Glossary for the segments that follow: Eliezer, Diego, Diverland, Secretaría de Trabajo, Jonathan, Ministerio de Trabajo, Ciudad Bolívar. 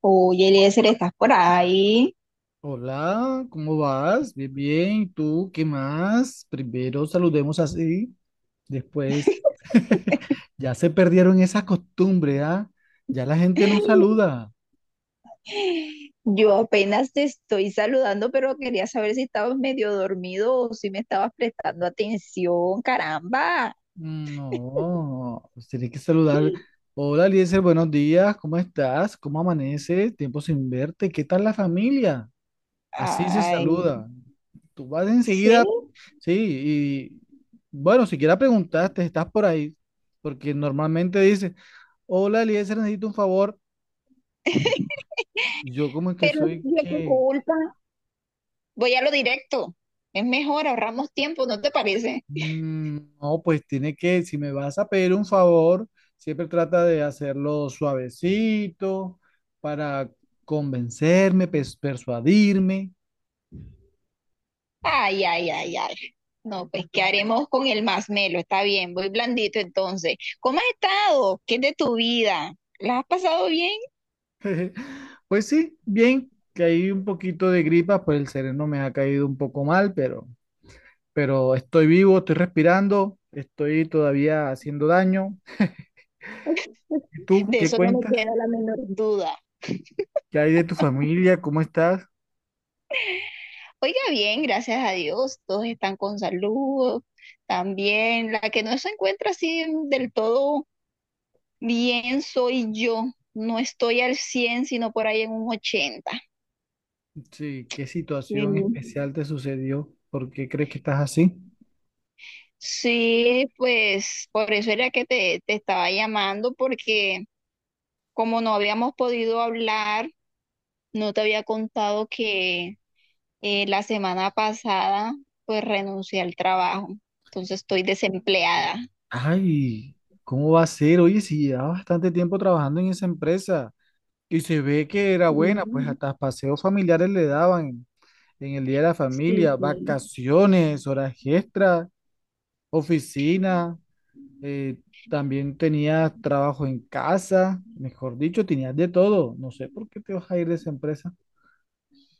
Oye, Eliezer, ¿estás por ahí? Hola, ¿cómo vas? Bien, bien. ¿Tú qué más? Primero saludemos así, después ya se perdieron esa costumbre, ¿ah? Ya la gente no saluda. Yo apenas te estoy saludando, pero quería saber si estabas medio dormido o si me estabas prestando atención, caramba. Mm, no, pues tienes que saludar. Hola, Eliezer, buenos días. ¿Cómo estás? ¿Cómo amaneces? Tiempo sin verte. ¿Qué tal la familia? Así se Ay, saluda. Tú vas sí, enseguida, sí, y bueno, siquiera preguntaste, estás por ahí, porque normalmente dice. Hola, Eliezer, necesito un favor. Yo como que pero soy yo qué que, culpa. Voy a lo directo. Es mejor, ahorramos tiempo, ¿no te parece? No, pues tiene que, si me vas a pedir un favor, siempre trata de hacerlo suavecito para convencerme, persuadirme. Ay, ay, ay, ay. No, pues, ¿qué haremos con el más melo? Está bien, voy blandito entonces. ¿Cómo has estado? ¿Qué es de tu vida? ¿La has pasado bien? Pues sí, bien, que hay un poquito de gripa, pues el sereno me ha caído un poco mal, pero estoy vivo, estoy respirando, estoy todavía haciendo daño. ¿Y tú De qué eso no me cuentas? queda la menor duda. ¿Qué hay de tu familia? ¿Cómo estás? Oiga, bien, gracias a Dios, todos están con salud. También la que no se encuentra así del todo bien soy yo. No estoy al 100, sino por ahí en un 80. Sí, ¿qué situación Mm. especial te sucedió? ¿Por qué crees que estás así? Sí, pues por eso era que te estaba llamando, porque como no habíamos podido hablar, no te había contado que la semana pasada pues renuncié al trabajo. Entonces estoy desempleada. Ay, ¿cómo va a ser? Oye, si llevaba bastante tiempo trabajando en esa empresa y se ve que era buena, pues Mm. hasta paseos familiares le daban en el día de la Sí, familia, sí. vacaciones, horas extras, oficina, eh, también tenías trabajo en casa, mejor dicho, tenías de todo. No sé por qué te vas a ir de esa empresa.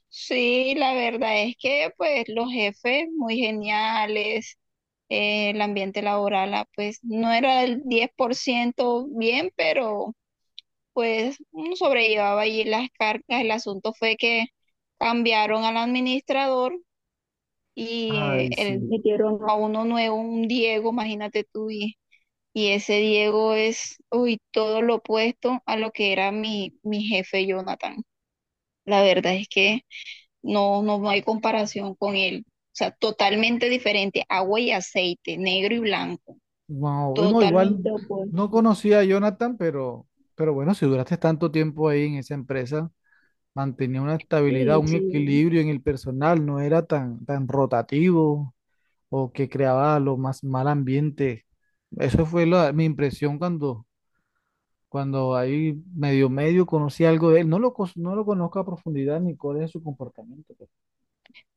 Sí, la verdad es que pues los jefes muy geniales, el ambiente laboral pues no era el 10% bien, pero pues uno sobrellevaba allí las cargas. El asunto fue que cambiaron al administrador y Ay, sí. metieron a uno nuevo, un Diego, imagínate tú, y ese Diego es, uy, todo lo opuesto a lo que era mi jefe Jonathan. La verdad es que... No, no hay comparación con él. O sea, totalmente diferente. Agua y aceite, negro y blanco. Wow, no, Totalmente igual no opuesto. conocía a Jonathan, pero bueno, si duraste tanto tiempo ahí en esa empresa, mantenía una estabilidad, Sí, un sí. equilibrio en el personal, no era tan rotativo o que creaba lo más mal ambiente. Eso fue mi impresión cuando ahí medio medio conocí algo de él. No lo conozco a profundidad ni cuál es su comportamiento, pero...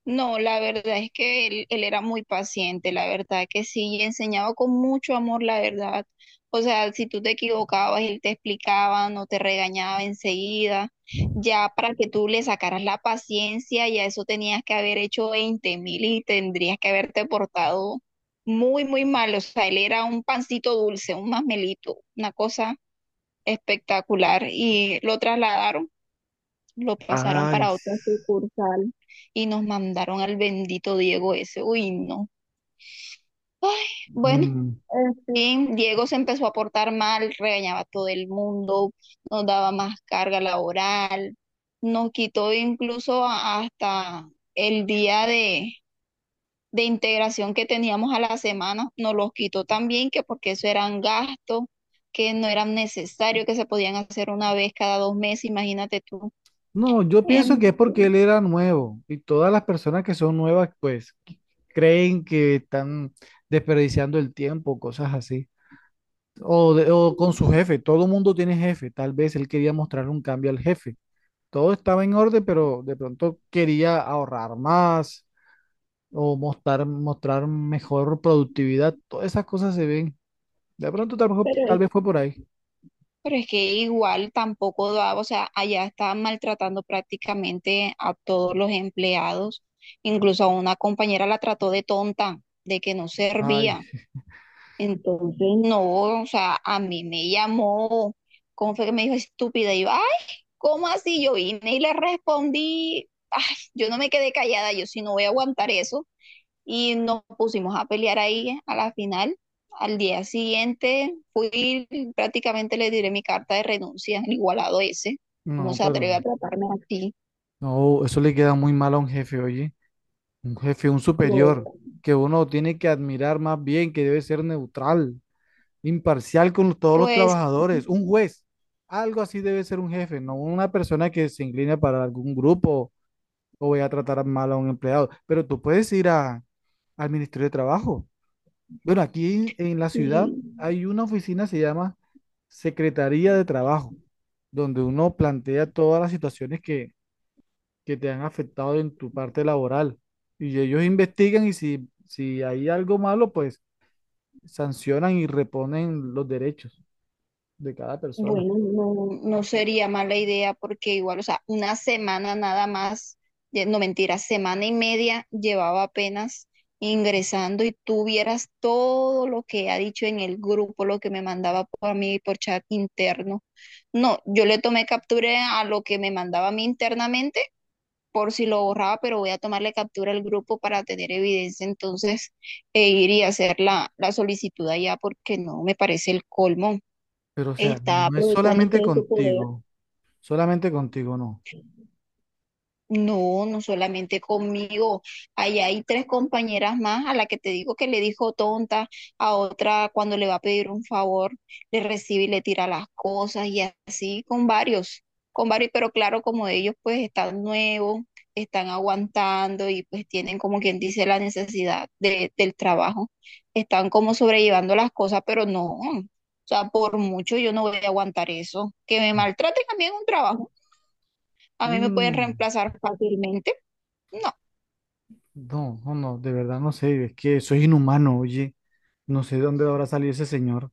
No, la verdad es que él era muy paciente, la verdad que sí, y enseñaba con mucho amor, la verdad. O sea, si tú te equivocabas, él te explicaba, no te regañaba enseguida. Ya para que tú le sacaras la paciencia, ya eso tenías que haber hecho 20.000 y tendrías que haberte portado muy, muy mal. O sea, él era un pancito dulce, un masmelito, una cosa espectacular. Y lo trasladaron lo pasaron Ay, para sí. otra sucursal y nos mandaron al bendito Diego ese. Uy, no. Ay, bueno, Mm. en fin, Diego se empezó a portar mal, regañaba a todo el mundo, nos daba más carga laboral, nos quitó incluso hasta el día de integración que teníamos a la semana, nos los quitó también, que porque eso eran gastos que no eran necesarios, que se podían hacer una vez cada 2 meses, imagínate tú. No, yo pienso que En es porque él era nuevo y todas las personas que son nuevas, creen que están desperdiciando el tiempo, cosas así. O, o con su jefe, todo el mundo tiene jefe, tal vez él quería mostrar un cambio al jefe. Todo estaba en orden, pero de pronto quería ahorrar más o mostrar, mostrar mejor productividad. Todas esas cosas se ven. De pronto tal vez fue por ahí. Pero es que igual tampoco daba, o sea, allá estaban maltratando prácticamente a todos los empleados, incluso a una compañera la trató de tonta, de que no Ay, servía. sí. Entonces, no, o sea, a mí me llamó, ¿cómo fue que me dijo estúpida? Y yo, ay, ¿cómo así? Yo vine y le respondí, ay, yo no me quedé callada, yo sí no voy a aguantar eso y nos pusimos a pelear ahí a la final. Al día siguiente fui, prácticamente le diré mi carta de renuncia, el igualado ese, cómo no, se atreve pero a tratarme así. no, eso le queda muy mal a un jefe, oye. Un jefe, un superior que uno tiene que admirar más bien, que debe ser neutral, imparcial con todos los Pues trabajadores, un juez. Algo así debe ser un jefe, no una persona que se inclina para algún grupo o vaya a tratar mal a un empleado. Pero tú puedes ir al Ministerio de Trabajo. Bueno, aquí en la ciudad sí. hay una oficina, se llama Secretaría de Trabajo, donde uno plantea todas las situaciones que te han afectado en tu parte laboral. Y ellos investigan y si hay algo malo, pues sancionan y reponen los derechos de cada persona. Bueno, no, no sería mala idea porque igual, o sea, una semana nada más, no mentira, semana y media llevaba apenas ingresando y tú vieras todo lo que ha dicho en el grupo, lo que me mandaba por a mí por chat interno. No, yo le tomé captura a lo que me mandaba a mí internamente por si lo borraba, pero voy a tomarle captura al grupo para tener evidencia entonces e ir y hacer la solicitud allá porque no me parece el colmo Pero o sea, está no es aprovechándose de su poder. Solamente contigo no. No, no solamente conmigo. Allá hay tres compañeras más a la que te digo que le dijo tonta, a otra cuando le va a pedir un favor, le recibe y le tira las cosas y así con varios, pero claro, como ellos pues están nuevos, están aguantando y pues tienen como quien dice la necesidad del trabajo, están como sobrellevando las cosas, pero no. O sea, por mucho yo no voy a aguantar eso. Que me maltraten a mí en un trabajo. A mí me pueden Mm, reemplazar fácilmente. No, no, de verdad no sé, es que soy inhumano, oye, no sé de dónde habrá salido ese señor.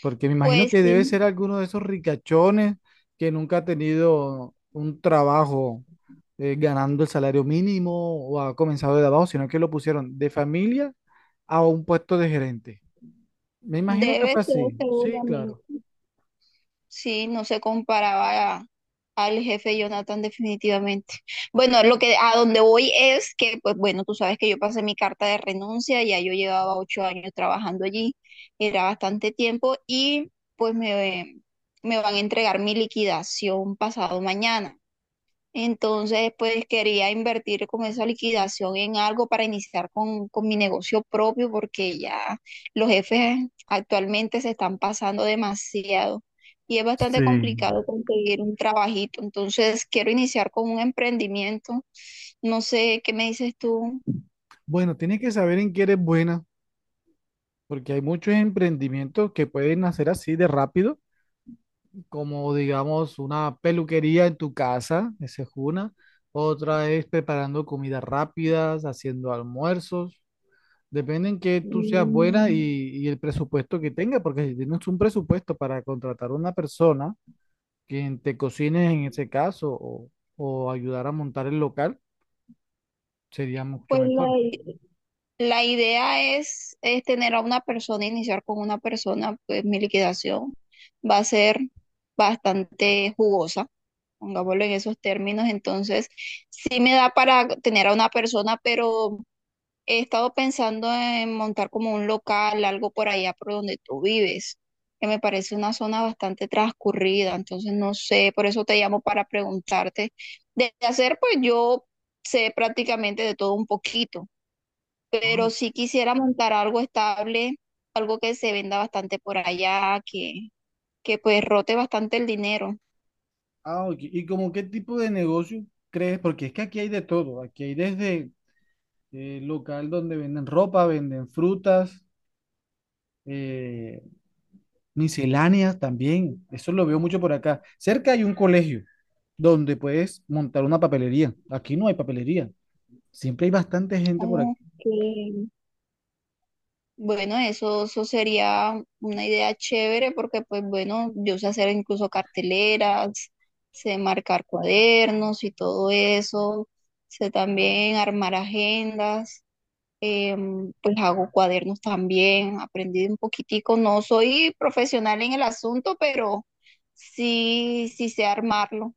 Porque me imagino pues que debe sí, ser alguno de esos ricachones que nunca ha tenido un trabajo ganando el salario mínimo o ha comenzado de abajo, sino que lo pusieron de familia a un puesto de gerente. Me imagino que debe fue ser así. Sí, seguramente. claro. Sí, no se comparaba al jefe Jonathan definitivamente. Bueno, lo que a donde voy es que, pues bueno, tú sabes que yo pasé mi carta de renuncia, ya yo llevaba 8 años trabajando allí, era bastante tiempo y pues me van a entregar mi liquidación pasado mañana. Entonces, pues quería invertir con esa liquidación en algo para iniciar con mi negocio propio, porque ya los jefes actualmente se están pasando demasiado y es bastante Sí, complicado conseguir un trabajito. Entonces, quiero iniciar con un emprendimiento. No sé, ¿qué me dices tú? bueno, tienes que saber en qué eres buena, porque hay muchos emprendimientos que pueden nacer así de rápido, como digamos una peluquería en tu casa, esa es una. Otra es preparando comidas rápidas, haciendo almuerzos. Depende en que tú seas buena Mm. y el presupuesto que tengas, porque si tienes un presupuesto para contratar a una persona quien te cocine en ese caso o ayudar a montar el local, sería mucho Pues la, mejor. i- la idea es tener a una persona, iniciar con una persona, pues mi liquidación va a ser bastante jugosa. Pongámoslo en esos términos, entonces sí me da para tener a una persona, pero he estado pensando en montar como un local, algo por allá por donde tú vives, que me parece una zona bastante transcurrida, entonces no sé, por eso te llamo para preguntarte. De hacer, pues yo sé prácticamente de todo un poquito, Ah, pero si quisiera montar algo estable, algo que se venda bastante por allá, que, que rote bastante el dinero. Ok. ¿Y como qué tipo de negocio crees? Porque es que aquí hay de todo. Aquí hay desde local donde venden ropa, venden frutas, eh, misceláneas también. Eso lo veo mucho por acá. Cerca hay un colegio donde puedes montar una papelería. Aquí no hay papelería. Siempre hay bastante gente por aquí. Ok. Bueno, eso sería una idea chévere porque, pues bueno, yo sé hacer incluso carteleras, sé marcar cuadernos y todo eso, sé también armar agendas, pues hago cuadernos también, aprendí un poquitico, no soy profesional en el asunto, pero sí, sí sé armarlo,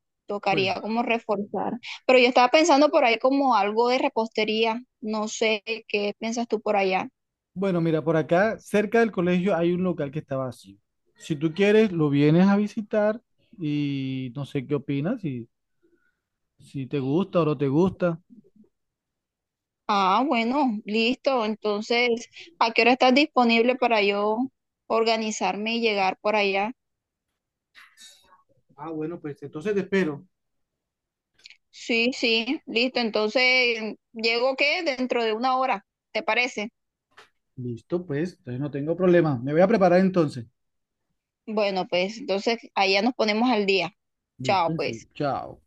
Bueno, tocaría como reforzar. Pero yo estaba pensando por ahí como algo de repostería, no sé qué piensas tú por allá. bueno, mira, por acá, cerca del colegio hay un local que está vacío. Si tú quieres, lo vienes a visitar y no sé qué opinas, si te gusta o no te gusta. Ah, bueno, listo. Entonces, ¿a qué hora estás disponible para yo organizarme y llegar por allá? Ah, bueno, pues entonces te espero. Sí, sí, listo. Entonces, ¿llego qué? Dentro de una hora, ¿te parece? Listo, pues, entonces no tengo problema. Me voy a preparar entonces. Bueno, pues entonces allá nos ponemos al día. Chao, Listo, sí. pues. Chao.